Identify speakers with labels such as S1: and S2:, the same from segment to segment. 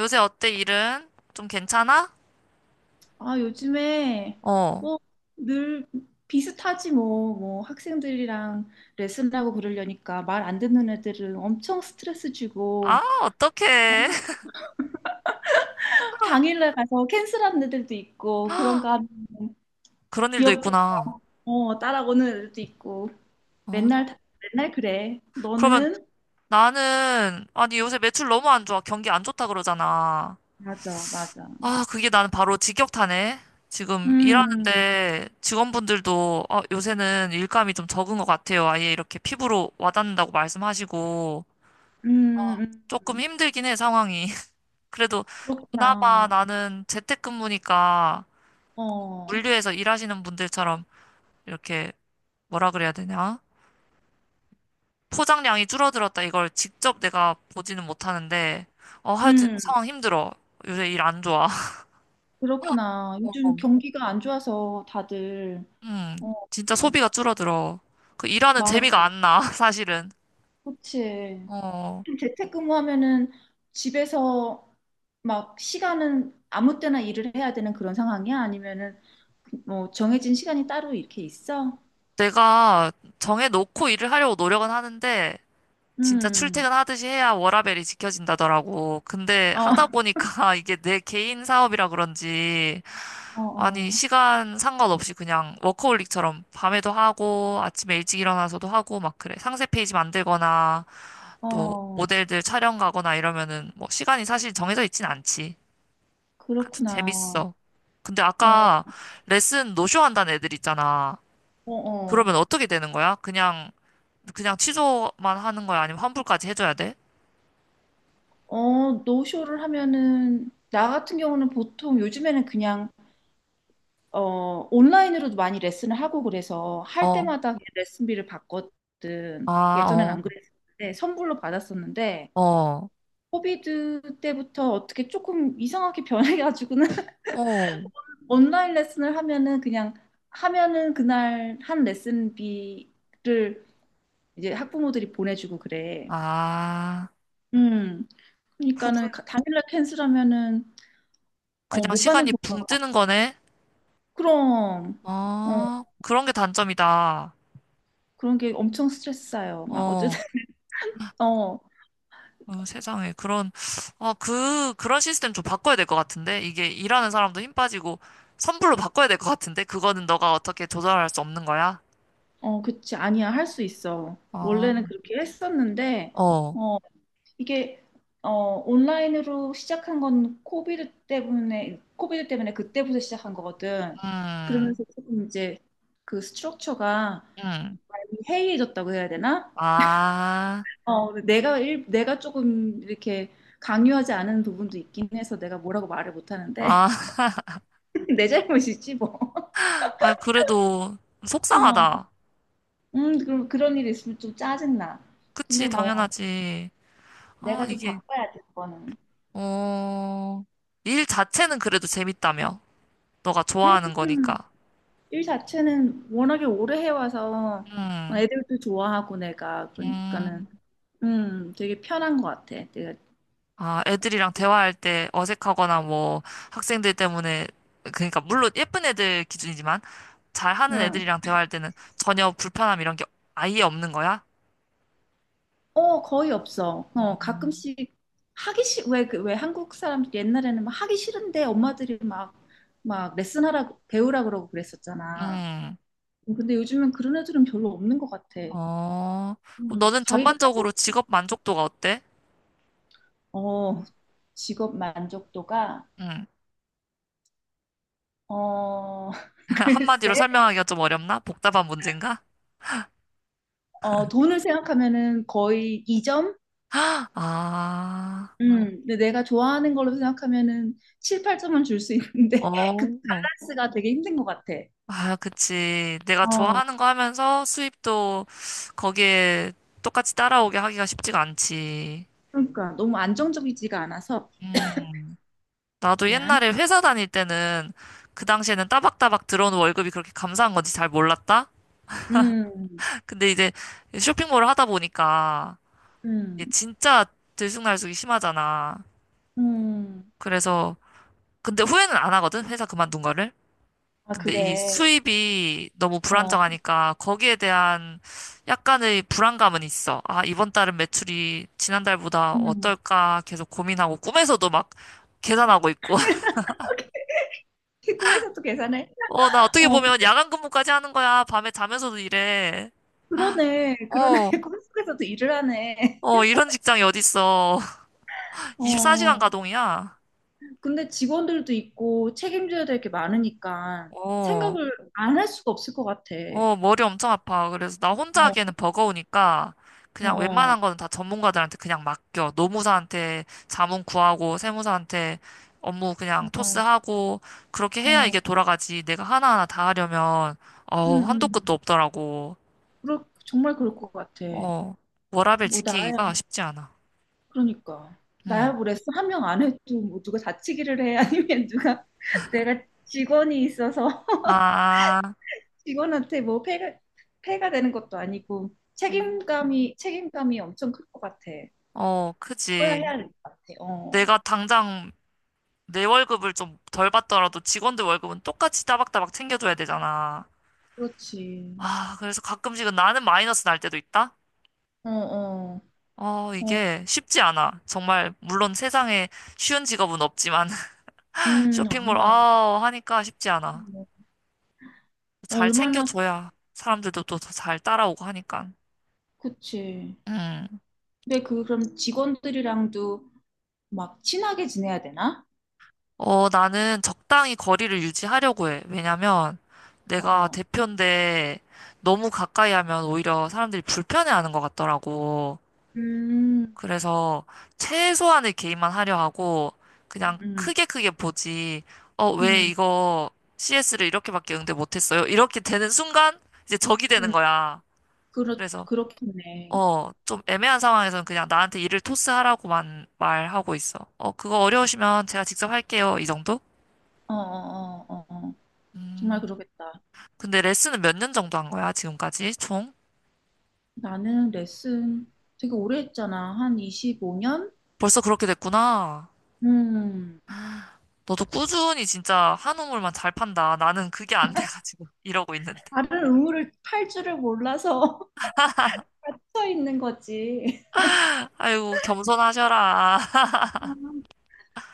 S1: 요새 어때, 일은? 좀 괜찮아?
S2: 아, 요즘에
S1: 어.
S2: 뭐 늘 비슷하지, 뭐 학생들이랑 레슨하고 그러려니까 말 안 듣는 애들은 엄청 스트레스
S1: 아,
S2: 주고, 어,
S1: 어떡해.
S2: 당일날 가서 캔슬하는 애들도 있고, 그런가 하면
S1: 그런 일도
S2: 귀엽게,
S1: 있구나.
S2: 어, 따라오는 애들도 있고,
S1: 어.
S2: 맨날 맨날 그래.
S1: 그러면
S2: 너는?
S1: 나는, 아니, 요새 매출 너무 안 좋아. 경기 안 좋다 그러잖아.
S2: 맞아, 맞아.
S1: 아, 그게 나는 바로 직격타네. 지금
S2: 음,
S1: 일하는데 직원분들도, 요새는 일감이 좀 적은 것 같아요. 아예 이렇게 피부로 와닿는다고 말씀하시고.
S2: 음,
S1: 조금
S2: 음.
S1: 힘들긴 해, 상황이. 그래도 그나마
S2: 그렇구나.
S1: 나는 재택근무니까
S2: 어.
S1: 물류에서 일하시는 분들처럼 이렇게 뭐라 그래야 되냐? 포장량이 줄어들었다. 이걸 직접 내가 보지는 못하는데, 하여튼
S2: 음.
S1: 상황 힘들어. 요새 일 안 좋아.
S2: 그렇구나. 요즘
S1: 어.
S2: 경기가 안 좋아서 다들.
S1: 음,
S2: 어.
S1: 진짜
S2: 어.
S1: 소비가 줄어들어. 그 일하는
S2: 맞아.
S1: 재미가 안 나, 사실은.
S2: 그치.
S1: 어,
S2: 좀 재택근무하면은 집에서 막 시간은 아무 때나 일을 해야 되는 그런 상황이야? 아니면은 뭐 정해진 시간이 따로 이렇게 있어?
S1: 내가 정해놓고 일을 하려고 노력은 하는데, 진짜
S2: 음.
S1: 출퇴근하듯이 해야 워라밸이 지켜진다더라고. 근데
S2: 어,
S1: 하다 보니까 이게 내 개인 사업이라 그런지, 아니,
S2: 어,
S1: 시간 상관없이 그냥 워커홀릭처럼 밤에도 하고, 아침에 일찍 일어나서도 하고, 막 그래. 상세 페이지 만들거나,
S2: 어,
S1: 또
S2: 어.
S1: 모델들 촬영 가거나 이러면은, 뭐, 시간이 사실 정해져 있진 않지. 그래도
S2: 그렇구나.
S1: 재밌어. 근데
S2: 어,
S1: 아까 레슨 노쇼 한다는 애들 있잖아.
S2: 어,
S1: 그러면
S2: 어.
S1: 어떻게 되는 거야? 그냥, 그냥 취소만 하는 거야? 아니면 환불까지 해줘야 돼?
S2: 어, 노쇼를 하면은 나 같은 경우는 보통 요즘에는 그냥, 어, 온라인으로도 많이 레슨을 하고 그래서 할
S1: 어,
S2: 때마다 레슨비를 받거든.
S1: 아,
S2: 예전엔
S1: 어,
S2: 안 그랬었는데 선불로 받았었는데
S1: 어,
S2: 코비드 때부터 어떻게 조금 이상하게 변해가지고는
S1: 어,
S2: 온라인 레슨을 하면은 그냥 하면은 그날 한 레슨비를 이제 학부모들이 보내주고 그래.
S1: 아,
S2: 음. 그러니까는
S1: 후불,
S2: 당일날 캔슬하면은 어,
S1: 그냥
S2: 못 받는
S1: 시간이 붕
S2: 경우가 많아.
S1: 뜨는 거네?
S2: 그럼. 어,
S1: 아, 그런 게 단점이다.
S2: 그런 게 엄청 스트레스 쌓여. 막
S1: 어,
S2: 어쨌든. 어.
S1: 어, 세상에. 그런, 아, 그, 그런 시스템 좀 바꿔야 될 것 같은데? 이게 일하는 사람도 힘 빠지고, 선불로 바꿔야 될 것 같은데? 그거는 너가 어떻게 조절할 수 없는 거야?
S2: 어, 그치. 아니야. 할 수 있어.
S1: 어,
S2: 원래는 그렇게 했었는데,
S1: 어,
S2: 어, 이게, 어, 온라인으로 시작한 건 코비드 때문에 그때부터 시작한 거거든.
S1: 음,
S2: 그러면서 조금 이제 그 스트럭처가
S1: 음.
S2: 많이 해이해졌다고 해야 되나?
S1: 아,
S2: 어, 근데 내가 일, 내가 조금 이렇게 강요하지 않은 부분도 있긴 해서 내가 뭐라고 말을 못 하는데,
S1: 아,
S2: 내 잘못이지, 뭐.
S1: 아, 그래도
S2: 어.
S1: 속상하다.
S2: 그럼 그런 일이 있으면 좀 짜증나.
S1: 그치,
S2: 근데 뭐,
S1: 당연하지. 아,
S2: 내가 좀
S1: 이게,
S2: 바꿔야 돼, 그거는.
S1: 어, 일 자체는 그래도 재밌다며. 너가 좋아하는
S2: 음,
S1: 거니까.
S2: 일 자체는 워낙에 오래 해와서
S1: 음,
S2: 애들도 좋아하고 내가 그러니까는
S1: 음.
S2: 되게 편한 것 같아. 내가.
S1: 아, 애들이랑 대화할 때 어색하거나 뭐 학생들 때문에 그러니까 물론 예쁜 애들 기준이지만 잘하는
S2: 응.
S1: 애들이랑 대화할 때는 전혀 불편함 이런 게 아예 없는 거야?
S2: 어 거의 없어.
S1: 어,
S2: 어 가끔씩 하기 싫 왜 그 왜 한국 사람들 옛날에는 막 하기 싫은데 엄마들이 막 레슨하라고 배우라 그러고 그랬었잖아.
S1: 음,
S2: 근데 요즘은 그런 애들은 별로 없는 것 같아.
S1: 어, 그럼
S2: 음,
S1: 너는
S2: 자기가 하고
S1: 전반적으로
S2: 싶-
S1: 직업 만족도가 어때?
S2: 어 직업 만족도가.
S1: 음,
S2: 어, 글쎄.
S1: 한마디로 설명하기가 좀 어렵나? 복잡한 문제인가?
S2: 어, 돈을 생각하면은 거의 2점?
S1: 아,
S2: 근데 내가 좋아하는 걸로 생각하면은 7, 8점은 줄 수
S1: 어,
S2: 있는데 그
S1: 어.
S2: 밸런스가 되게 힘든 것 같아.
S1: 아, 그치. 내가
S2: 어,
S1: 좋아하는 거 하면서 수입도 거기에 똑같이 따라오게 하기가 쉽지가 않지.
S2: 그러니까 너무 안정적이지가 않아서.
S1: 음. 나도
S2: 미안.
S1: 옛날에 회사 다닐 때는 그 당시에는 따박따박 들어오는 월급이 그렇게 감사한 건지 잘 몰랐다?
S2: 음,
S1: 근데 이제 쇼핑몰을 하다 보니까 이게
S2: 음,
S1: 진짜 들쑥날쑥이 심하잖아.
S2: 음.
S1: 그래서 근데 후회는 안 하거든, 회사 그만둔 거를.
S2: 아,
S1: 근데 이
S2: 그래.
S1: 수입이 너무
S2: 어.
S1: 불안정하니까 거기에 대한 약간의 불안감은 있어. 아, 이번 달은 매출이 지난달보다
S2: 음.
S1: 어떨까 계속 고민하고 꿈에서도 막 계산하고 있고.
S2: 꿈에서 도 계산해?
S1: 어, 나 어떻게
S2: 어,
S1: 보면 야간 근무까지 하는 거야. 밤에 자면서도 일해.
S2: 그러네. 그러네.
S1: 어,
S2: 꿈속에서도 일을 하네.
S1: 어, 이런 직장이 어딨어. 24시간
S2: 어,
S1: 가동이야.
S2: 근데 직원들도 있고 책임져야 될 게 많으니까
S1: 어,
S2: 생각을 안 할 수가 없을 것 같아.
S1: 어, 머리 엄청 아파. 그래서 나 혼자
S2: 어,
S1: 하기에는 버거우니까 그냥
S2: 어,
S1: 웬만한 거는 다 전문가들한테 그냥 맡겨. 노무사한테 자문 구하고, 세무사한테 업무 그냥
S2: 어,
S1: 토스하고, 그렇게 해야 이게
S2: 어,
S1: 돌아가지. 내가 하나하나 다 하려면,
S2: 응,
S1: 어우, 한도
S2: 응.
S1: 끝도 없더라고.
S2: 정말 그럴 것 같아.
S1: 어, 워라밸
S2: 뭐,
S1: 지키기가
S2: 나야,
S1: 쉽지 않아.
S2: 그러니까.
S1: 응.
S2: 나야 그랬어. 한 명 안 해도 뭐 누가 다치기를 해. 아니면 누가 내가 직원이 있어서
S1: 아.
S2: 직원한테 뭐 폐가 되는 것도 아니고
S1: 음.
S2: 책임감이 엄청 클 것 같아.
S1: 어,
S2: 그래야
S1: 그지.
S2: 해야 될 것 같아. 어,
S1: 내가 당장 내 월급을 좀 덜 받더라도 직원들 월급은 똑같이 따박따박 챙겨줘야 되잖아.
S2: 그렇지.
S1: 아, 그래서 가끔씩은 나는 마이너스 날 때도 있다?
S2: 어, 어,
S1: 어,
S2: 어.
S1: 이게 쉽지 않아. 정말, 물론 세상에 쉬운 직업은 없지만 쇼핑몰,
S2: 아니야.
S1: 아, 하니까 쉽지 않아.
S2: 뭐,
S1: 잘
S2: 얼마나,
S1: 챙겨줘야 사람들도 또 잘 따라오고 하니까.
S2: 그치.
S1: 음.
S2: 근데 그럼 직원들이랑도 막 친하게 지내야 되나?
S1: 어, 나는 적당히 거리를 유지하려고 해. 왜냐면 내가
S2: 어,
S1: 대표인데 너무 가까이 하면 오히려 사람들이 불편해하는 것 같더라고.
S2: 음,
S1: 그래서 최소한의 개입만 하려 하고 그냥
S2: 음,
S1: 크게 크게 보지. 어, 왜
S2: 음,
S1: 이거 CS를 이렇게밖에 응대 못했어요? 이렇게 되는 순간 이제 적이 되는
S2: 음,
S1: 거야.
S2: 그렇,
S1: 그래서
S2: 그렇겠네.
S1: 좀 애매한 상황에서는 그냥 나한테 일을 토스하라고만 말하고 있어. 어, 그거 어려우시면 제가 직접 할게요. 이 정도?
S2: 어, 어, 어, 어, 어. 정말
S1: 음.
S2: 그러겠다.
S1: 근데 레슨은 몇 년 정도 한 거야, 지금까지? 총?
S2: 나는 레슨 되게 오래 했잖아. 한 25년?
S1: 벌써 그렇게 됐구나.
S2: 음,
S1: 너도 꾸준히 진짜 한 우물만 잘 판다. 나는 그게 안 돼가지고 이러고 있는데.
S2: 다른 의무를 팔 줄을 몰라서 서 있는 거지.
S1: 아이고, 겸손하셔라.
S2: 음,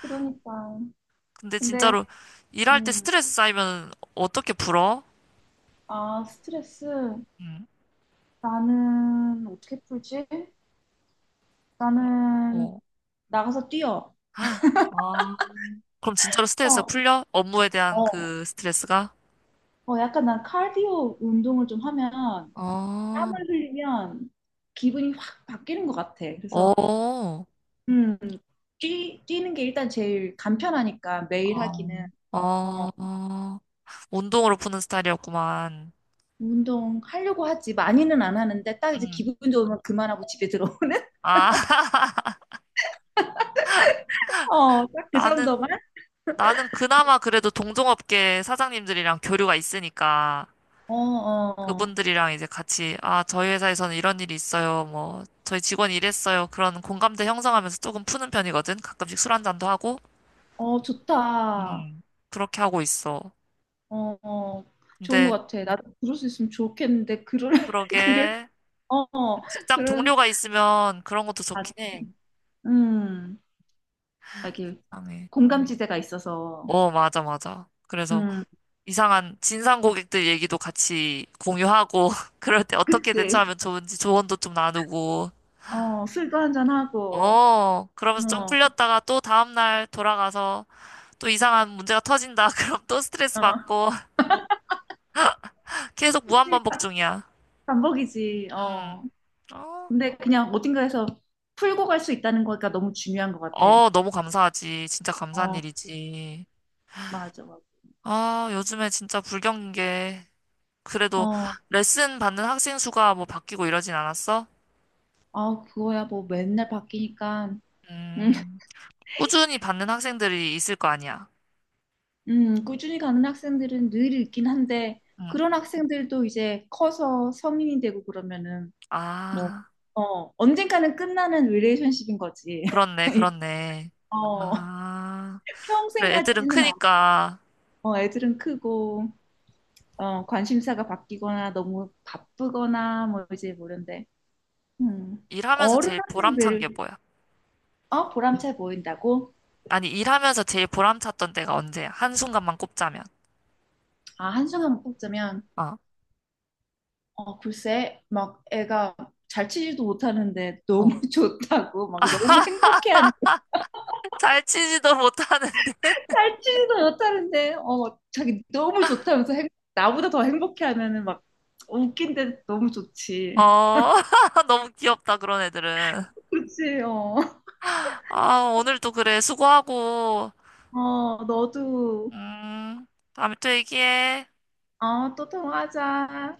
S2: 그러니까.
S1: 근데
S2: 근데,
S1: 진짜로 일할 때
S2: 음,
S1: 스트레스 쌓이면 어떻게 풀어?
S2: 아, 스트레스.
S1: 응,
S2: 나는 어떻게 풀지? 나는
S1: 어.
S2: 나가서 뛰어.
S1: 아, 그럼 진짜로 스트레스가
S2: 어,
S1: 풀려? 업무에 대한
S2: 어.
S1: 그 스트레스가?
S2: 어, 약간 난 카디오 운동을 좀 하면
S1: 어,
S2: 땀을 흘리면 기분이 확 바뀌는 것 같아. 그래서
S1: 어,
S2: 음, 뛰는 게 일단 제일 간편하니까 매일
S1: 어,
S2: 하기는.
S1: 어,
S2: 어,
S1: 어. 운동으로 푸는 스타일이었구만.
S2: 운동 하려고 하지 많이는 안 하는데 딱 이제
S1: 응.
S2: 기분 좋으면 그만하고 집에 들어오는
S1: 아,
S2: 어, 딱 그
S1: 나는
S2: 정도만.
S1: 나는 그나마 그래도 동종업계 사장님들이랑 교류가 있으니까
S2: 어, 어, 어,
S1: 그분들이랑 이제 같이 아, 저희 회사에서는 이런 일이 있어요. 뭐 저희 직원이 이랬어요. 그런 공감대 형성하면서 조금 푸는 편이거든. 가끔씩 술 한잔도 하고
S2: 어, 좋다.
S1: 음. 그렇게 하고 있어.
S2: 어, 어, 좋은 것
S1: 근데
S2: 같아. 나도 그럴 수 있으면 좋겠는데 그럴 그럴.
S1: 그러게
S2: 어, 어,
S1: 직장
S2: 그런.
S1: 동료가 있으면 그런 것도
S2: 아,
S1: 좋긴 해.
S2: 음. 알게.
S1: 이상해.
S2: 공감지대가 있어서.
S1: 어, 맞아, 맞아. 그래서
S2: 음,
S1: 이상한 진상 고객들 얘기도 같이 공유하고 그럴 때 어떻게
S2: 그치.
S1: 대처하면 좋은지 조언도 좀 나누고
S2: 어, 술도 한잔하고,
S1: 어, 그러면서 좀
S2: 어,
S1: 풀렸다가 또 다음날 돌아가서 또 이상한 문제가 터진다. 그럼 또 스트레스
S2: 어,
S1: 받고 계속
S2: 그치.
S1: 무한반복 중이야.
S2: 반복이지. 어.
S1: 음. 어,
S2: 근데 그냥 어딘가에서 풀고 갈 수 있다는 거가 너무 중요한 것 같아.
S1: 어, 너무 감사하지. 진짜 감사한
S2: 어,
S1: 일이지.
S2: 맞아, 맞아.
S1: 아, 요즘에 진짜 불경인 게 그래도
S2: 어.
S1: 레슨 받는 학생 수가 뭐 바뀌고 이러진 않았어?
S2: 아, 그거야 뭐 맨날 바뀌니까. 음.
S1: 음, 꾸준히 받는 학생들이 있을 거 아니야.
S2: 꾸준히 가는 학생들은 늘 있긴 한데,
S1: 음.
S2: 그런 학생들도 이제 커서 성인이 되고 그러면은, 뭐,
S1: 아,
S2: 어, 언젠가는 끝나는 릴레이션십인 거지.
S1: 그렇네, 그렇네.
S2: 어.
S1: 아,
S2: 평생
S1: 그래, 애들은
S2: 가지는 않아.
S1: 크니까.
S2: 어, 애들은 크고 어, 관심사가 바뀌거나 너무 바쁘거나 뭐 이제 모른데. 음.
S1: 일하면서
S2: 어른
S1: 제일 보람찬 게
S2: 학생들.
S1: 뭐야?
S2: 어, 보람차 보인다고?
S1: 아니, 일하면서 제일 보람찼던 때가 언제야? 한순간만 꼽자면.
S2: 아, 한순간 뽑자면
S1: 어.
S2: 어, 글쎄 막 애가 잘 치지도 못하는데
S1: 어.
S2: 너무 좋다고 막 너무 행복해하는 거야.
S1: 잘 치지도 못하는데.
S2: 잘 치지도 못하는데 어 자기 너무 좋다면서 나보다 더 행복해하면은 막 웃긴데 너무 좋지.
S1: 어, 너무 귀엽다, 그런 애들은.
S2: 그치, 어.
S1: 아, 오늘도 그래. 수고하고.
S2: 어, 너도.
S1: 음, 다음에 또 얘기해.
S2: 어, 또 통화하자.